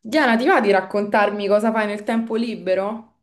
Diana, ti va di raccontarmi cosa fai nel tempo libero?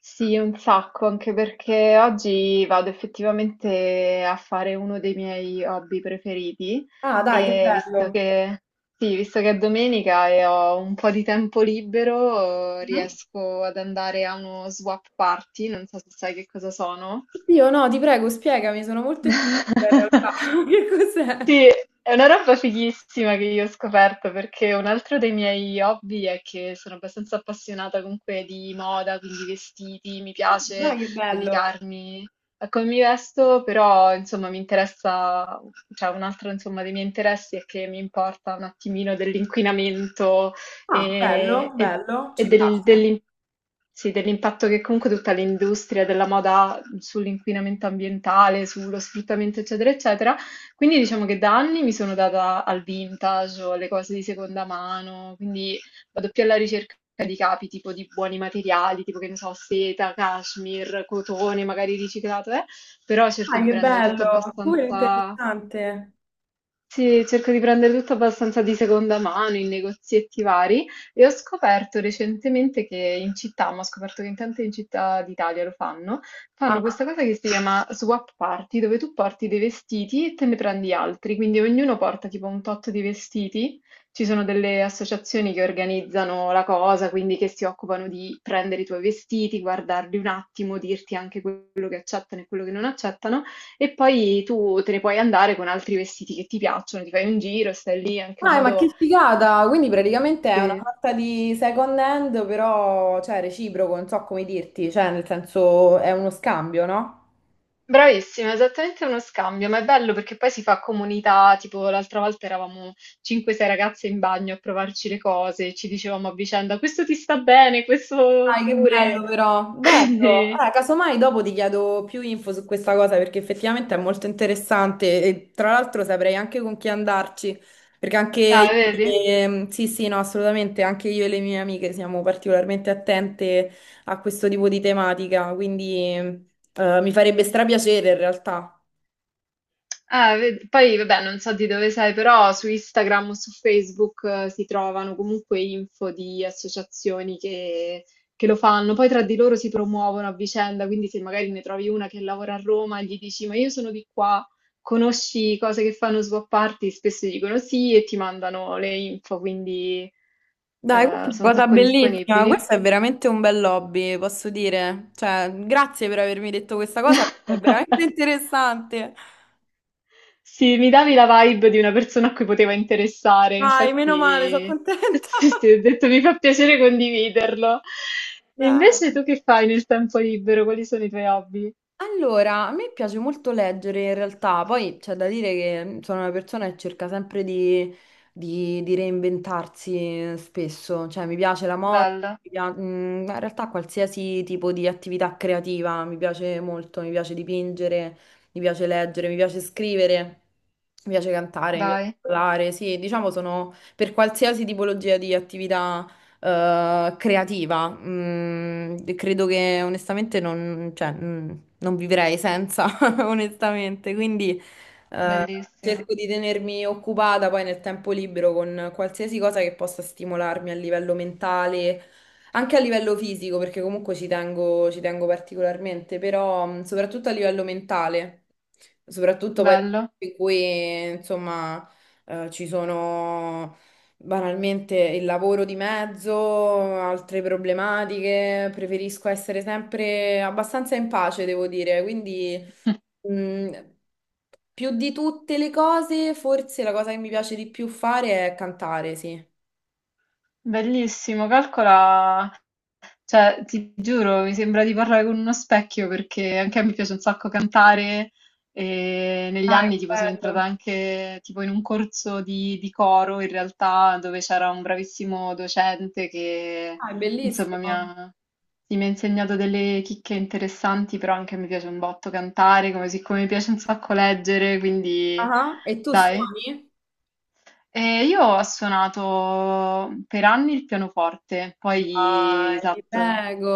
Sì, un sacco, anche perché oggi vado effettivamente a fare uno dei miei hobby preferiti. Ah, dai, che e visto bello. che, sì, visto che è domenica e ho un po' di tempo libero, Mm? riesco ad andare a uno swap party, non so se sai che cosa sono. Io no, ti prego, spiegami, sono molto incuriosita in realtà. Che cos'è? Sì, è una roba fighissima che io ho scoperto perché un altro dei miei hobby è che sono abbastanza appassionata comunque di moda, quindi vestiti, mi piace Dai, che bello. dedicarmi a come mi vesto, però insomma mi interessa, cioè un altro insomma dei miei interessi è che mi importa un attimino dell'inquinamento Ah, bello, e, e- bello, e ci del- piace. dell'im- sì, dell'impatto che comunque tutta l'industria della moda ha sull'inquinamento ambientale, sullo sfruttamento, eccetera, eccetera. Quindi diciamo che da anni mi sono data al vintage o alle cose di seconda mano, quindi vado più alla ricerca di capi, tipo di buoni materiali, tipo che ne so, seta, cashmere, cotone, magari riciclato, però cerco Dai, di che prendere tutto bello. Super abbastanza interessante. sì, cerco di prendere tutto abbastanza di seconda mano in negozietti vari e ho scoperto recentemente che in città, ma ho scoperto che in tante città d'Italia lo fanno, fanno Ah, questa cosa che si chiama swap party, dove tu porti dei vestiti e te ne prendi altri, quindi ognuno porta tipo un tot di vestiti. Ci sono delle associazioni che organizzano la cosa, quindi che si occupano di prendere i tuoi vestiti, guardarli un attimo, dirti anche quello che accettano e quello che non accettano. E poi tu te ne puoi andare con altri vestiti che ti piacciono, ti fai un giro, stai lì, è anche un Ah, ma modo... che figata! Quindi praticamente è una Sì, sorta di second hand, però, cioè, reciproco, non so come dirti, cioè, nel senso, è uno scambio, no? bravissima, esattamente uno scambio, ma è bello perché poi si fa comunità, tipo l'altra volta eravamo 5-6 ragazze in bagno a provarci le cose, ci dicevamo a vicenda: questo ti sta bene, questo Dai, che pure. bello però, bello. Quindi, Casomai dopo ti chiedo più info su questa cosa perché effettivamente è molto interessante e tra l'altro saprei anche con chi andarci, perché anche io, ah, vedi? Sì, sì, no, assolutamente, anche io e le mie amiche siamo particolarmente attente a questo tipo di tematica, quindi mi farebbe strapiacere in realtà. Poi vabbè, non so di dove sei, però su Instagram o su Facebook si trovano comunque info di associazioni che lo fanno, poi tra di loro si promuovono a vicenda, quindi se magari ne trovi una che lavora a Roma, gli dici: ma io sono di qua, conosci cose che fanno swap party? Spesso dicono sì e ti mandano le info, quindi Dai, questa è sono un una cosa sacco bellissima, questo disponibili. è veramente un bel hobby, posso dire. Cioè, grazie per avermi detto questa cosa perché è veramente interessante. Sì, mi davi la vibe di una persona a cui poteva interessare, Dai, meno male, sono infatti. contenta. Sì, sì, ho detto, mi fa piacere condividerlo. E Dai. invece tu che fai nel tempo libero? Quali sono i tuoi hobby? Allora, a me piace molto leggere in realtà, poi c'è da dire che sono una persona che cerca sempre di reinventarsi spesso, cioè mi piace la moda, Bello, in realtà qualsiasi tipo di attività creativa mi piace molto, mi piace dipingere, mi piace leggere, mi piace scrivere, mi piace cantare, mi piace dai, parlare, sì, diciamo sono per qualsiasi tipologia di attività creativa. Credo che onestamente non, cioè, mm, non vivrei senza, onestamente. Quindi eh, bellissimo, cerco di tenermi occupata poi nel tempo libero con qualsiasi cosa che possa stimolarmi a livello mentale. Anche a livello fisico, perché comunque ci tengo particolarmente, però soprattutto a livello mentale, soprattutto poi bello. in cui insomma ci sono banalmente il lavoro di mezzo, altre problematiche, preferisco essere sempre abbastanza in pace, devo dire. Quindi, mh, più di tutte le cose, forse la cosa che mi piace di più fare è cantare, sì. Bellissimo, calcola. Cioè, ti giuro, mi sembra di parlare con uno specchio perché anche a me piace un sacco cantare, e negli Ah, che anni tipo sono entrata bello. anche tipo in un corso di coro in realtà, dove c'era un bravissimo docente che Ah, è insomma mi bellissimo. ha, sì, mi ha insegnato delle chicche interessanti, però anche a me piace un botto cantare, come siccome mi piace un sacco leggere, quindi Ah, e tu dai. suoni? E io ho suonato per anni il pianoforte, poi Dai, ti esatto. prego.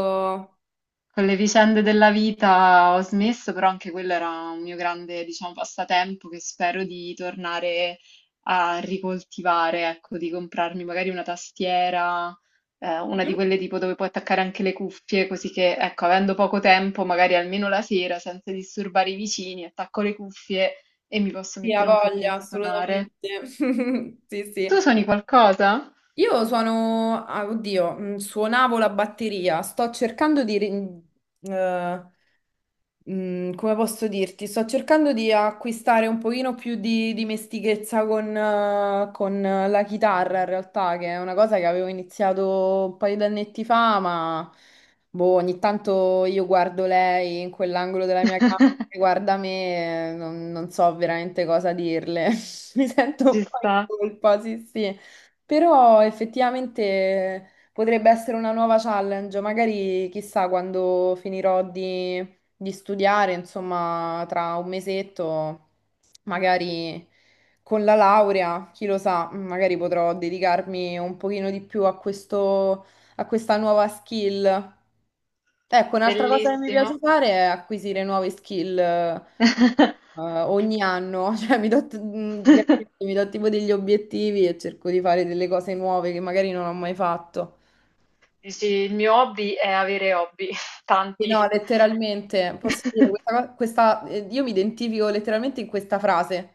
Con le vicende della vita ho smesso, però anche quello era un mio grande, diciamo, passatempo che spero di tornare a ricoltivare, ecco, di comprarmi magari una tastiera, una di Mhm. quelle tipo dove puoi attaccare anche le cuffie, così che, ecco, avendo poco tempo, magari almeno la sera, senza disturbare i vicini, attacco le cuffie e mi posso Sì, ha mettere un pochino voglia, a suonare. assolutamente. Sì, Tu sì. suoni qualcosa? Io suono, ah, oddio, suonavo la batteria, sto cercando di, eh, come posso dirti, sto cercando di acquistare un pochino più di dimestichezza con la chitarra in realtà, che è una cosa che avevo iniziato un paio di annetti fa, ma boh, ogni tanto io guardo lei in quell'angolo della mia camera, che guarda me, e non, non so veramente cosa dirle, mi sento un Ci po' in sta, colpa, sì sì. Però effettivamente potrebbe essere una nuova challenge, magari chissà quando finirò di studiare, insomma, tra un mesetto, magari con la laurea, chi lo sa, magari potrò dedicarmi un pochino di più a questo, a questa nuova skill. Ecco, un'altra cosa che mi bellissimo. piace fare è acquisire nuove skill, ogni anno, cioè veramente mi do tipo degli obiettivi e cerco di fare delle cose nuove che magari non ho mai fatto. Eh sì, il mio hobby è avere hobby, Sì, tanti. no, letteralmente, posso dire, io mi identifico letteralmente in questa frase.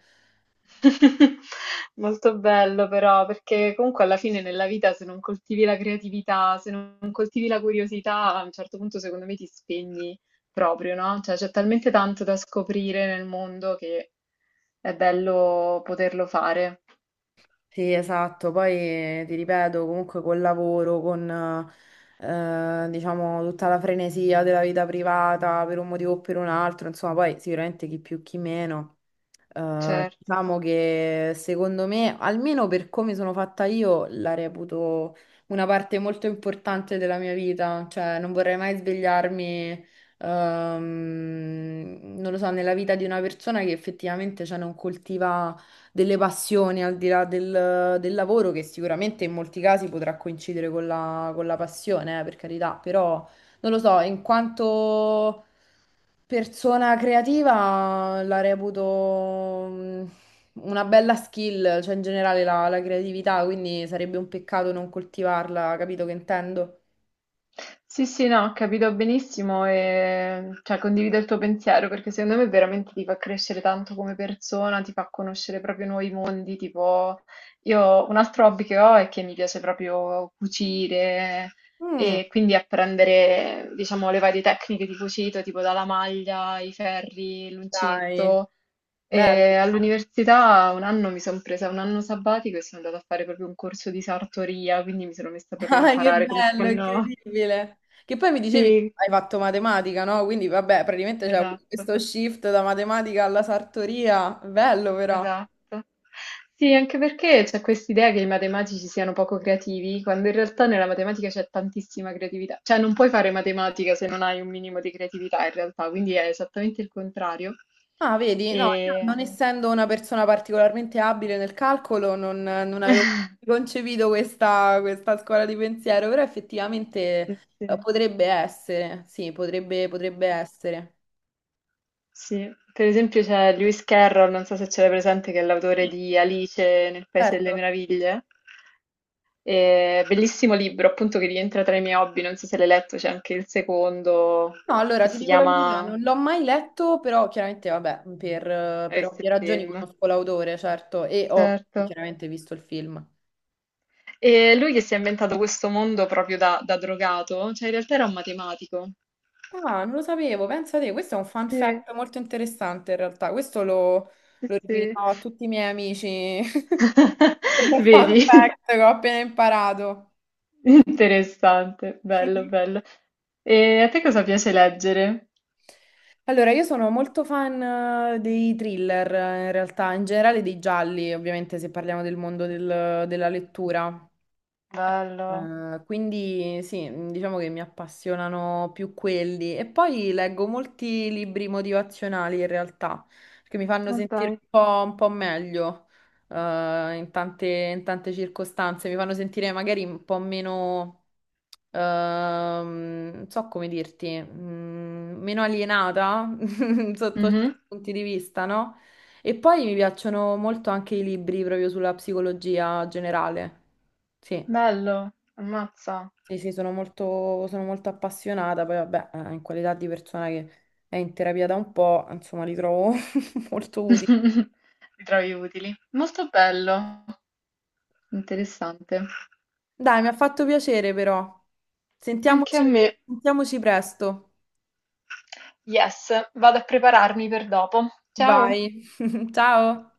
Molto bello però, perché comunque alla fine nella vita, se non coltivi la creatività, se non coltivi la curiosità, a un certo punto secondo me ti spegni proprio, no? Cioè c'è talmente tanto da scoprire nel mondo che è bello poterlo fare, Sì, esatto, poi ti ripeto, comunque col lavoro, con diciamo tutta la frenesia della vita privata per un motivo o per un altro, insomma, poi sicuramente chi più chi meno. Certo. Diciamo che secondo me, almeno per come sono fatta io, la reputo una parte molto importante della mia vita. Cioè, non vorrei mai svegliarmi, non lo so, nella vita di una persona che effettivamente, cioè, non coltiva delle passioni al di là del lavoro, che sicuramente in molti casi potrà coincidere con con la passione, per carità, però non lo so, in quanto persona creativa la reputo una bella skill, cioè in generale la creatività, quindi sarebbe un peccato non coltivarla, capito che intendo? Sì, sì, no, ho capito benissimo e cioè, condivido il tuo pensiero perché secondo me veramente ti fa crescere tanto come persona, ti fa conoscere proprio nuovi mondi. Tipo, io un altro hobby che ho è che mi piace proprio cucire, Mm, e quindi apprendere, diciamo, le varie tecniche di cucito, tipo dalla maglia, i ferri, dai, l'uncinetto. bello, E però. all'università un anno mi sono presa un anno sabbatico e sono andata a fare proprio un corso di sartoria, quindi mi sono messa proprio a Dai, che imparare come si bello, fanno. incredibile. Che poi mi dicevi, Sì, hai fatto matematica, no? Quindi vabbè, praticamente c'è avuto esatto, questo shift da matematica alla sartoria, bello però. esatto. Sì, anche perché c'è quest'idea che i matematici siano poco creativi, quando in realtà nella matematica c'è tantissima creatività. Cioè, non puoi fare matematica se non hai un minimo di creatività, in realtà, quindi è esattamente il contrario. Ah, vedi, no, io non E... essendo una persona particolarmente abile nel calcolo, non, non avevo concepito questa, questa scuola di pensiero, però effettivamente Sì, sì, potrebbe essere, sì, potrebbe, potrebbe sì. essere. Sì, per esempio c'è Lewis Carroll, non so se ce l'hai presente, che è l'autore Sì. di Alice nel Paese delle Certo. Meraviglie. Bellissimo libro, appunto, che rientra tra i miei hobby. Non so se l'hai letto, c'è anche il secondo No, allora che ti si dico la verità, chiama non l'ho mai letto, però chiaramente, vabbè, per Rest ovvie ragioni Film. conosco l'autore, certo, e ho Certo. chiaramente visto il film. E lui che si è inventato questo mondo proprio da drogato, cioè in realtà era un matematico. Ah, non lo sapevo, pensa te, questo è un fun Sì, fact molto interessante in realtà, questo lo, sì, lo sì. rivelerò a tutti i miei amici come fun Vedi? fact che ho appena imparato. Interessante, bello, bello. E a te cosa piace leggere? Allora, io sono molto fan dei thriller in realtà, in generale dei gialli, ovviamente se parliamo del mondo del- della lettura. Bello, Quindi sì, diciamo che mi appassionano più quelli. E poi leggo molti libri motivazionali in realtà, che mi fanno ma sentire dai. Un po' meglio, in tante circostanze. Mi fanno sentire magari un po' meno, non so come dirti, meno alienata sotto certi Mhm. punti di vista, no? E poi mi piacciono molto anche i libri proprio sulla psicologia generale. Sì. Bello, ammazza. Sì, sì, sono molto appassionata, poi vabbè, in qualità di persona che è in terapia da un po', insomma, li trovo molto utili. Li trovi utili. Molto bello, interessante. Dai, mi ha fatto piacere però. Anche a Sentiamoci, me. sentiamoci presto. Yes, vado a prepararmi per dopo. Ciao. Vai, ciao!